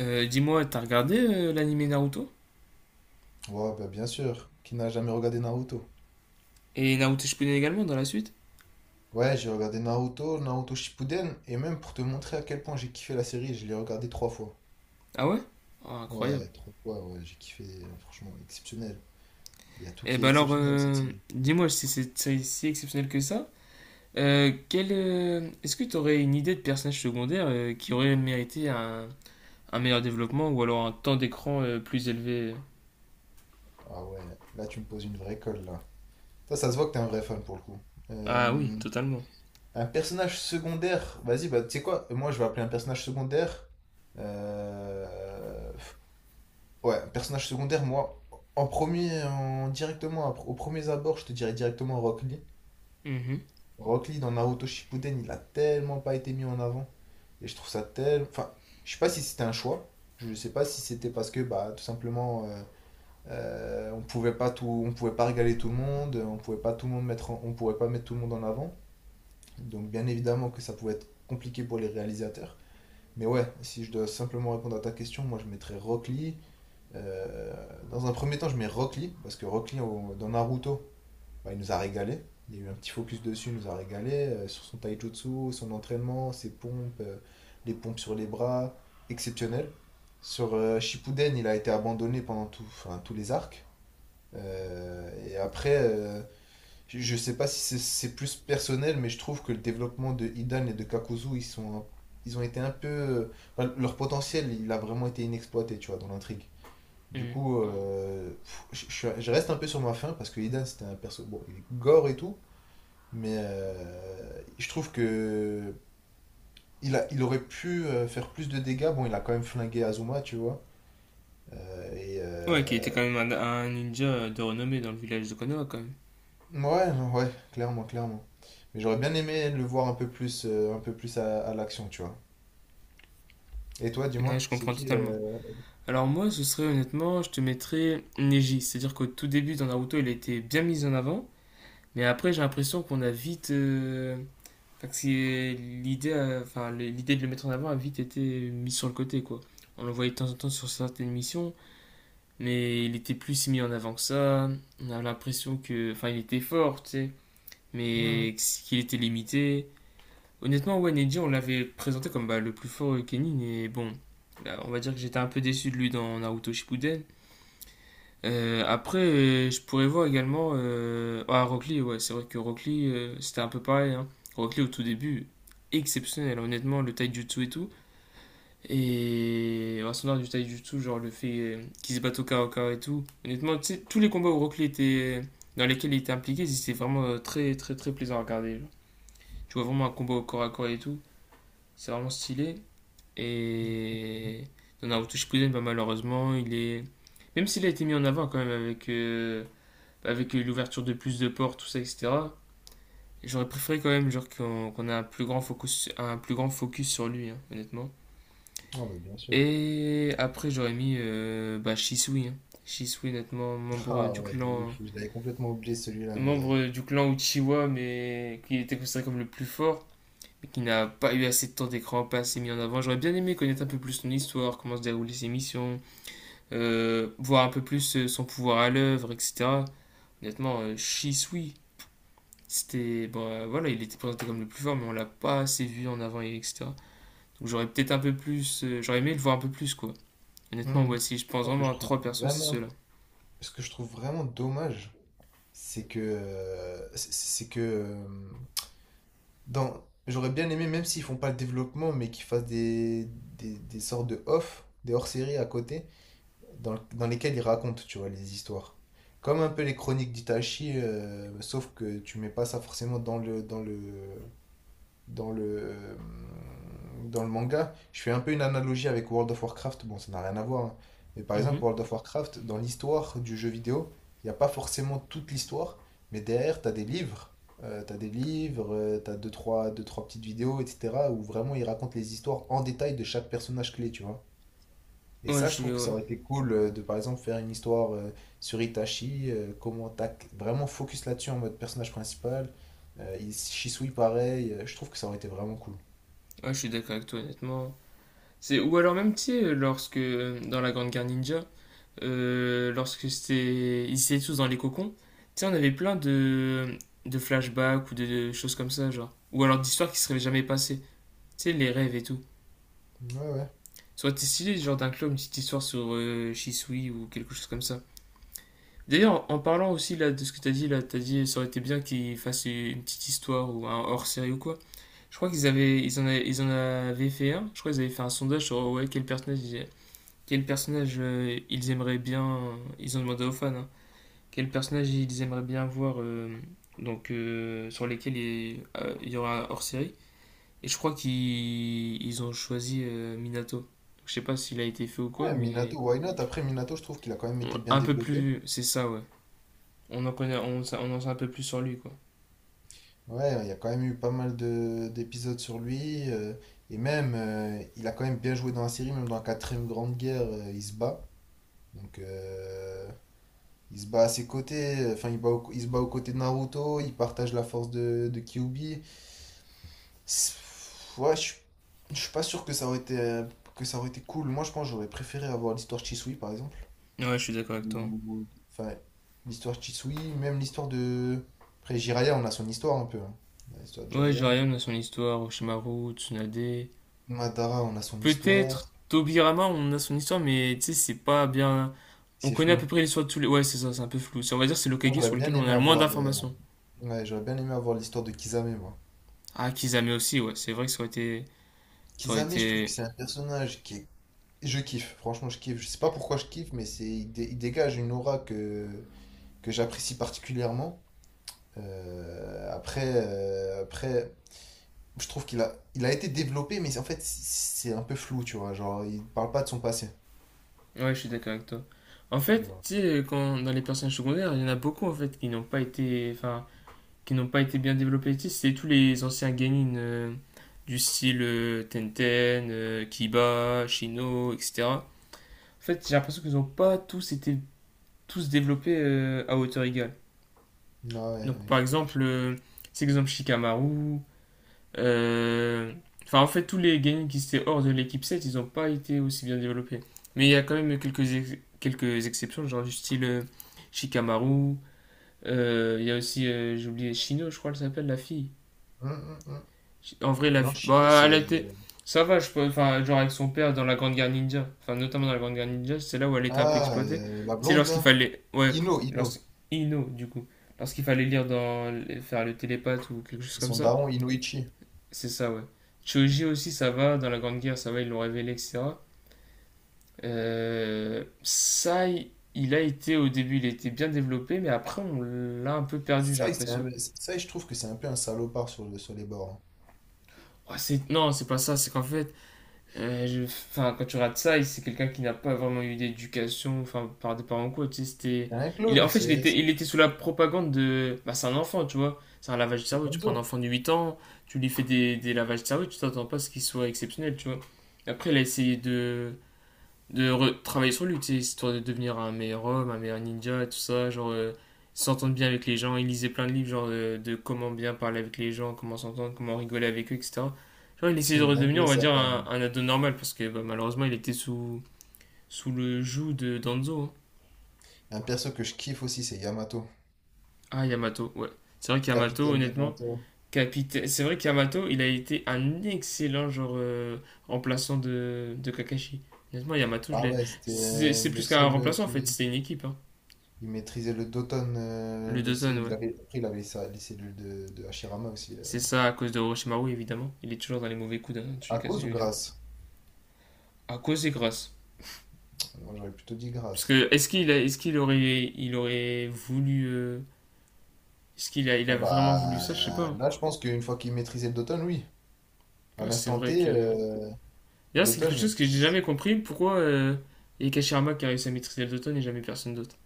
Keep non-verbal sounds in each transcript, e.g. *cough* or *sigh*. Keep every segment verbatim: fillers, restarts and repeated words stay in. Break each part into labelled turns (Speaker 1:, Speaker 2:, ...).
Speaker 1: Euh, dis-moi, t'as regardé euh, l'anime Naruto?
Speaker 2: Ouais, bah bien sûr, qui n'a jamais regardé Naruto.
Speaker 1: Et Naruto Shippuden également dans la suite?
Speaker 2: Ouais, j'ai regardé Naruto, Naruto Shippuden, et même pour te montrer à quel point j'ai kiffé la série, je l'ai regardé trois fois.
Speaker 1: Ah, ouais. Ah, incroyable.
Speaker 2: Ouais, trois fois, ouais, j'ai kiffé, euh, franchement, exceptionnel. Il y a tout
Speaker 1: Et
Speaker 2: qui est
Speaker 1: bah alors,
Speaker 2: exceptionnel dans cette
Speaker 1: euh,
Speaker 2: série.
Speaker 1: dis-moi si c'est si- si exceptionnel que ça. Euh, quel, euh, est-ce que t'aurais une idée de personnage secondaire euh, qui aurait mérité un, un meilleur développement ou alors un temps d'écran euh, plus élevé?
Speaker 2: Ah ouais, là tu me poses une vraie colle, là. Ça, ça se voit que t'es un vrai fan pour le coup.
Speaker 1: Ah, oui,
Speaker 2: Euh,
Speaker 1: totalement.
Speaker 2: un personnage secondaire, vas-y, bah tu sais quoi, moi je vais appeler un personnage secondaire. euh, Ouais, personnage secondaire, moi, en premier, en- directement, après- au premier abord, je te dirais directement Rock Lee.
Speaker 1: Mhm,
Speaker 2: Rock Lee dans Naruto Shippuden, il a tellement pas été mis en avant. Et je trouve ça tellement. Enfin, je sais pas si c'était un choix. Je sais pas si c'était parce que, bah, tout simplement, euh, euh, on pouvait pas tout, on pouvait pas régaler tout le monde, on pouvait pas tout le monde mettre, en- on pouvait pas mettre tout le monde en avant. Donc, bien évidemment que ça pouvait être compliqué pour les réalisateurs. Mais ouais, si je dois simplement répondre à ta question, moi je mettrais Rock Lee. Euh, Dans un premier temps, je mets Rock Lee, parce que Rock Lee, au- dans Naruto, bah, il nous a régalé. Il y a eu un petit focus dessus, il nous a régalé euh, sur son taijutsu, son entraînement, ses pompes, euh, les pompes sur les bras, exceptionnel. Sur euh, Shippuden, il a été abandonné pendant tout, enfin, tous les arcs. Euh, et après, euh, je, je sais pas si c'est c'est plus personnel, mais je trouve que le développement de Hidan et de Kakuzu, ils sont, un- ils ont été un peu, euh, enfin, leur potentiel, il a vraiment été inexploité, tu vois, dans l'intrigue. Du
Speaker 1: mhm.
Speaker 2: coup, euh, pff, je, je- je reste un peu sur ma faim parce que Idan, c'était un perso. Bon, il est gore et tout, mais euh, je trouve que il a, il aurait pu euh, faire plus de dégâts. Bon, il a quand même flingué Azuma, tu vois. Euh, et
Speaker 1: Ouais, qui était
Speaker 2: euh,
Speaker 1: quand même un, un ninja de renommée dans le village de Konoha quand même.
Speaker 2: ouais, non, ouais, clairement, clairement. Mais j'aurais bien aimé le voir un peu plus, euh, un peu plus à, à l'action, tu vois. Et toi,
Speaker 1: Ouais,
Speaker 2: dis-moi,
Speaker 1: je
Speaker 2: c'est
Speaker 1: comprends
Speaker 2: qui
Speaker 1: totalement.
Speaker 2: euh,
Speaker 1: Alors moi, ce serait honnêtement, je te mettrais Neji. C'est-à-dire qu'au tout début dans Naruto, il a été bien mis en avant, mais après j'ai l'impression qu'on a vite... euh, Enfin, que c'est- l'idée, a- enfin, l'idée de le mettre en avant a vite été mise sur le côté, quoi. On le voyait de temps en temps sur certaines missions, mais il était plus si mis en avant que ça. On a l'impression que... Enfin, il était fort, tu sais,
Speaker 2: mhm.
Speaker 1: mais qu'il était limité. Honnêtement, ouais, Neji, on l'avait présenté comme bah, le plus fort Kenin, et bon... là, On va dire que j'étais un peu déçu de lui dans Naruto Shippuden. Euh, après, euh, je pourrais voir également. Euh... Ah, Rock Lee, ouais, c'est vrai que Rock Lee, euh, c'était un peu pareil, hein. Rock Lee, au tout début, exceptionnel, hein, honnêtement, le taijutsu et tout. Et en son art du taijutsu, genre le fait euh, qu'il se batte au corps à corps et tout. Honnêtement, tu sais, tous les combats où Rock Lee était, euh, dans lesquels il était impliqué, c'était vraiment euh, très, très, très plaisant à regarder, genre. Tu vois vraiment un combat au corps à corps et tout. C'est vraiment stylé. Et. Dans Naruto Shippuden, bah, malheureusement, il est. Même s'il a été mis en avant quand même avec, euh, avec l'ouverture de plus de portes, tout ça, et cetera. J'aurais préféré quand même genre qu'on qu'on ait un plus grand focus, un plus grand focus sur lui, hein, honnêtement.
Speaker 2: Oh, bah, bien sûr.
Speaker 1: Et après j'aurais mis euh, bah, Shisui, hein. Shisui, honnêtement,
Speaker 2: *laughs*
Speaker 1: membre
Speaker 2: Ah
Speaker 1: du
Speaker 2: ouais, de ouf.
Speaker 1: clan,
Speaker 2: Je l'avais complètement oublié celui-là, mais.
Speaker 1: membre du clan Uchiwa, mais qui était considéré comme le plus fort, mais qui n'a pas eu assez de temps d'écran, pas assez mis en avant. J'aurais bien aimé connaître un peu plus son histoire, comment se déroulent ses missions, euh, voir un peu plus euh, son pouvoir à l'œuvre, et cetera. Honnêtement, euh, Shisui, c'était. Bon, euh, voilà, il était présenté comme le plus fort, mais on l'a pas assez vu en avant, et etc. Donc j'aurais peut-être un peu plus, euh, j'aurais aimé le voir un peu plus, quoi. Honnêtement,
Speaker 2: Hmm.
Speaker 1: ouais, si
Speaker 2: Je
Speaker 1: je pense
Speaker 2: pense que
Speaker 1: vraiment
Speaker 2: je
Speaker 1: à
Speaker 2: trouve
Speaker 1: trois persos, c'est
Speaker 2: vraiment.
Speaker 1: ceux-là.
Speaker 2: Ce que je trouve vraiment dommage, c'est que, euh, c'est c'est que euh, dans, j'aurais bien aimé, même s'ils font pas le développement, mais qu'ils fassent des, des, des sortes de off, des hors-séries à côté, dans, le- dans lesquels ils racontent, tu vois, les histoires. Comme un peu les chroniques d'Itachi, euh, sauf que tu mets pas ça forcément dans le, dans le, dans le, dans le manga, je fais un peu une analogie avec World of Warcraft. Bon, ça n'a rien à voir, hein. Mais par exemple,
Speaker 1: Mhm.
Speaker 2: World of Warcraft, dans l'histoire du jeu vidéo, il n'y a pas forcément toute l'histoire. Mais derrière, tu as des livres. Euh, t'as des livres, euh, t'as deux trois, deux, trois petites vidéos, et cetera où vraiment ils racontent les histoires en détail de chaque personnage clé, tu vois. Et
Speaker 1: Ouais, je
Speaker 2: ça, je
Speaker 1: suis,
Speaker 2: trouve que
Speaker 1: ouais.
Speaker 2: ça aurait été cool euh, de, par exemple, faire une histoire euh, sur Itachi, euh, comment tac, vraiment focus là-dessus en mode personnage principal. Euh, il- Shisui, pareil. Euh, je trouve que ça aurait été vraiment cool.
Speaker 1: Ouais, je suis d'accord avec toi, honnêtement. C'est, ou alors même, tu sais, euh, lorsque, euh, dans la Grande Guerre Ninja, euh, lorsque c'était. Ils étaient tous dans les cocons, tu sais, on avait plein de. de flashbacks ou de, de choses comme ça, genre. Ou alors d'histoires qui seraient jamais passées. Tu sais, les rêves et tout.
Speaker 2: Ouais, ouais.
Speaker 1: Soit stylé, genre d'inclure une petite histoire sur euh, Shisui ou quelque chose comme ça. D'ailleurs, en parlant aussi là de ce que t'as dit là, t'as dit ça aurait été bien qu'ils fassent une petite histoire ou un hors-série ou quoi. Je crois qu'ils avaient, ils en avaient, ils en avaient fait un. Je crois qu'ils avaient fait un sondage sur, ouais, quel personnage, ils- quel personnage euh, ils aimeraient bien. Ils ont demandé aux fans, hein. Quel personnage ils aimeraient bien voir, euh, donc euh, sur lesquels il euh, il y aura un hors-série. Et je crois qu'ils ils ont choisi euh, Minato. Donc, je sais pas s'il a été fait ou quoi,
Speaker 2: Ouais,
Speaker 1: mais
Speaker 2: Minato, why not? Après, Minato, je trouve qu'il a quand même été bien
Speaker 1: un peu
Speaker 2: développé.
Speaker 1: plus. C'est ça, ouais. On en connaît, on, sa- On en sait un peu plus sur lui, quoi.
Speaker 2: Ouais, il y a quand même eu pas mal de d'épisodes sur lui. Euh, et même, euh, il a quand même bien joué dans la série, même dans la quatrième grande guerre, euh, il se bat. Donc, euh, il se bat à ses côtés. euh, Enfin, il bat au- il se bat aux côtés de Naruto. Il partage la force de, de Kyuubi. C'est- Ouais, je je suis pas sûr que ça aurait été, euh, que ça aurait été cool. Moi, je pense que j'aurais préféré avoir l'histoire de Chisui, par exemple.
Speaker 1: Ouais, je suis d'accord avec toi.
Speaker 2: Ou- Enfin, l'histoire de Chisui, même l'histoire de... Après, Jiraiya, on a son histoire un peu, hein. On a l'histoire de
Speaker 1: Ouais,
Speaker 2: Jiraiya.
Speaker 1: Jiraiya, on a son histoire, Oshimaru, Tsunade.
Speaker 2: Madara, on a son histoire.
Speaker 1: Peut-être Tobirama, on a son histoire, mais tu sais, c'est pas bien. On
Speaker 2: C'est
Speaker 1: connaît à peu
Speaker 2: flou.
Speaker 1: près l'histoire de tous les. Ouais, c'est ça, c'est un peu flou. C'est- On va dire que c'est
Speaker 2: Moi,
Speaker 1: l'Okage
Speaker 2: j'aurais
Speaker 1: sur lequel
Speaker 2: bien
Speaker 1: on
Speaker 2: aimé
Speaker 1: a le moins
Speaker 2: avoir... euh,
Speaker 1: d'informations.
Speaker 2: ouais, j'aurais bien aimé avoir l'histoire de Kisame, moi.
Speaker 1: Ah, Kizame aussi, ouais, c'est vrai que ça aurait été. Ça aurait
Speaker 2: Kisame, je trouve que
Speaker 1: été.
Speaker 2: c'est un personnage qui est... Je kiffe, franchement, je kiffe. Je sais pas pourquoi je kiffe, mais c'est... il dé- il dégage une aura que, que j'apprécie particulièrement. Euh, après, euh, après, je trouve qu'il a, il a été développé, mais en fait, c'est un peu flou, tu vois. Genre, il parle pas de son passé.
Speaker 1: Ouais, je suis d'accord avec toi. En fait,
Speaker 2: Tu
Speaker 1: tu sais, quand dans les personnages secondaires, il y en a beaucoup en fait qui n'ont pas été. Enfin, qui n'ont pas été bien développés ici, c'est tous les anciens genin, euh, du style euh, Tenten, euh, Kiba, Shino, et cetera. En fait, j'ai l'impression qu'ils n'ont pas tous été tous développés euh, à hauteur égale.
Speaker 2: Ah ouais,
Speaker 1: Donc, par
Speaker 2: je- je-
Speaker 1: exemple, euh, c'est exemple Shikamaru. euh, Enfin, en fait, tous les genin qui étaient hors de l'équipe sept, ils n'ont pas été aussi bien développés. Mais il y a quand même quelques, ex- quelques exceptions, genre du style euh, Shikamaru. Euh, il euh, Y a aussi, euh, j'ai oublié, Shino, je crois, elle s'appelle la fille.
Speaker 2: hum, hum, hum.
Speaker 1: En vrai, la,
Speaker 2: Non,
Speaker 1: fi-
Speaker 2: Shino,
Speaker 1: bah, elle
Speaker 2: c'est.
Speaker 1: était, ça va, je peux, enfin, genre avec son père dans la Grande Guerre Ninja, enfin, notamment dans la Grande Guerre Ninja, c'est là où elle était un peu
Speaker 2: Ah,
Speaker 1: exploitée. Tu
Speaker 2: euh, la
Speaker 1: sais,
Speaker 2: blonde
Speaker 1: lorsqu'il
Speaker 2: là.
Speaker 1: fallait, ouais,
Speaker 2: Ino, Ino.
Speaker 1: lorsqu'il Ino, du coup, lorsqu'il fallait lire dans, faire le télépathe ou quelque chose
Speaker 2: Et
Speaker 1: comme
Speaker 2: son
Speaker 1: ça,
Speaker 2: daron, Inoichi.
Speaker 1: c'est ça, ouais. Choji aussi, ça va, dans la Grande Guerre, ça va, ils l'ont révélé, et cetera. Euh, ça, il il a été, au début, il était bien développé, mais après, on l'a un peu perdu, j'ai
Speaker 2: Ça, il- c'est
Speaker 1: l'impression.
Speaker 2: un- ça, je trouve que c'est un peu un salopard sur, le- sur les bords, hein.
Speaker 1: Oh, c'est- non, c'est pas ça, c'est qu'en fait. Euh, je- Enfin, quand tu regardes ça, c'est quelqu'un qui n'a pas vraiment eu d'éducation, enfin, par des parents quoi, tu sais, c'était...
Speaker 2: C'est un
Speaker 1: Il, en
Speaker 2: clone,
Speaker 1: fait, il
Speaker 2: c'est
Speaker 1: était,
Speaker 2: c'est
Speaker 1: il était sous la propagande de... Bah, c'est un enfant, tu vois. C'est un lavage de
Speaker 2: c'est
Speaker 1: cerveau. Tu prends un
Speaker 2: Gonzo.
Speaker 1: enfant de huit ans, tu lui fais des, des lavages de cerveau, tu t'attends pas à ce qu'il soit exceptionnel, tu vois. Après, il a essayé de de re- travailler sur lui, histoire de devenir un meilleur homme, un meilleur ninja, et tout ça, genre, euh, s'entendre bien avec les gens, il lisait plein de livres genre, euh, de comment bien parler avec les gens, comment s'entendre, comment rigoler avec eux, et cetera. Genre il
Speaker 2: *laughs*
Speaker 1: essayait
Speaker 2: C'est
Speaker 1: de
Speaker 2: une
Speaker 1: redevenir, on
Speaker 2: dinguerie,
Speaker 1: va
Speaker 2: ça,
Speaker 1: dire,
Speaker 2: quand
Speaker 1: un,
Speaker 2: même.
Speaker 1: un ado normal, parce que bah, malheureusement il était sous, sous, le joug de Danzo, hein.
Speaker 2: Un perso que je kiffe aussi, c'est Yamato.
Speaker 1: Ah, Yamato, ouais. C'est vrai qu'Yamato,
Speaker 2: Capitaine
Speaker 1: honnêtement,
Speaker 2: Yamato.
Speaker 1: capitaine... c'est vrai qu'Yamato, il a été un excellent genre, euh, remplaçant de, de Kakashi. Honnêtement, Yamato, je
Speaker 2: Ah
Speaker 1: l'ai...
Speaker 2: ouais, c'était
Speaker 1: C'est
Speaker 2: euh,
Speaker 1: c'est
Speaker 2: le
Speaker 1: plus qu'un
Speaker 2: seul euh,
Speaker 1: remplaçant en fait,
Speaker 2: qui.
Speaker 1: c'était une équipe, hein.
Speaker 2: Il maîtrisait le Doton. Euh,
Speaker 1: Le
Speaker 2: le-
Speaker 1: Dozon,
Speaker 2: il
Speaker 1: ouais.
Speaker 2: avait, après, il avait sa- les cellules de, de Hashirama aussi. euh.
Speaker 1: C'est ça à cause de Orochimaru, évidemment. Il est toujours dans les mauvais coups d'un tous les
Speaker 2: À
Speaker 1: cas,
Speaker 2: cause ou
Speaker 1: celui-là.
Speaker 2: grâce?
Speaker 1: À cause des grâces.
Speaker 2: Moi, j'aurais plutôt dit
Speaker 1: Parce
Speaker 2: grâce.
Speaker 1: que est-ce qu'il a- est-ce qu'il aurait, il aurait voulu. Euh, est-ce qu'il a, il
Speaker 2: Ah
Speaker 1: a vraiment voulu ça? Je sais pas,
Speaker 2: bah
Speaker 1: hein.
Speaker 2: là, je pense qu'une fois qu'il maîtrisait le Doton, oui. À
Speaker 1: Ouais, c'est
Speaker 2: l'instant
Speaker 1: vrai
Speaker 2: T,
Speaker 1: que.
Speaker 2: euh,
Speaker 1: D'ailleurs, c'est quelque
Speaker 2: Doton.
Speaker 1: chose que j'ai jamais compris. Pourquoi euh, il y a Kashirama qui a réussi à maîtriser le Doton et jamais personne d'autre?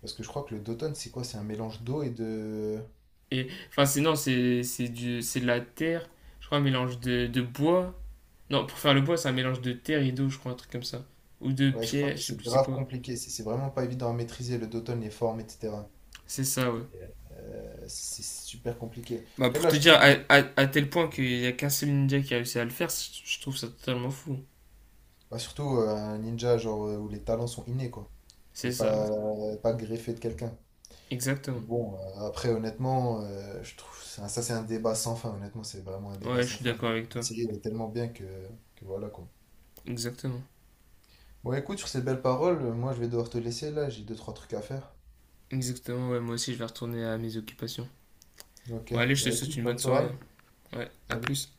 Speaker 2: Parce que je crois que le Doton, c'est quoi? C'est un mélange d'eau et de.
Speaker 1: Et. Enfin, c'est non, c'est c'est du- c'est de la terre. Je crois un mélange de, de bois. Non, pour faire le bois, c'est un mélange de terre et d'eau, je crois, un truc comme ça. Ou de
Speaker 2: Ouais, je crois
Speaker 1: pierre,
Speaker 2: que
Speaker 1: je sais
Speaker 2: c'est
Speaker 1: plus c'est
Speaker 2: grave
Speaker 1: quoi.
Speaker 2: compliqué. C'est c'est vraiment pas évident à maîtriser le Doton, les formes, et cetera.
Speaker 1: C'est ça, ouais.
Speaker 2: Euh, c'est c'est super compliqué.
Speaker 1: Bah,
Speaker 2: Après,
Speaker 1: pour
Speaker 2: là,
Speaker 1: te
Speaker 2: je
Speaker 1: dire, à,
Speaker 2: trouve.
Speaker 1: à- à tel point qu'il n'y a qu'un seul ninja qui a réussi à le faire, c- je trouve ça totalement fou.
Speaker 2: Bah, surtout euh, un ninja, genre, euh, où les talents sont innés, quoi.
Speaker 1: C'est
Speaker 2: Et
Speaker 1: ça, ouais.
Speaker 2: pas, pas greffé de quelqu'un. Mais
Speaker 1: Exactement.
Speaker 2: bon, euh, après, honnêtement, euh, je trouve ça, ça, c'est un débat sans fin. Honnêtement, c'est vraiment un débat
Speaker 1: Ouais, je
Speaker 2: sans
Speaker 1: suis
Speaker 2: fin.
Speaker 1: d'accord avec
Speaker 2: La
Speaker 1: toi.
Speaker 2: série, elle est tellement bien que, que voilà quoi.
Speaker 1: Exactement.
Speaker 2: Bon, écoute, sur ces belles paroles, euh, moi je vais devoir te laisser là, j'ai deux, trois trucs à faire.
Speaker 1: Exactement, ouais, moi aussi je vais retourner à mes occupations.
Speaker 2: Ok,
Speaker 1: Bon, allez, je te
Speaker 2: bah
Speaker 1: souhaite
Speaker 2: écoute,
Speaker 1: une
Speaker 2: bonne
Speaker 1: bonne soirée,
Speaker 2: soirée.
Speaker 1: hein. Ouais, à
Speaker 2: Salut.
Speaker 1: plus.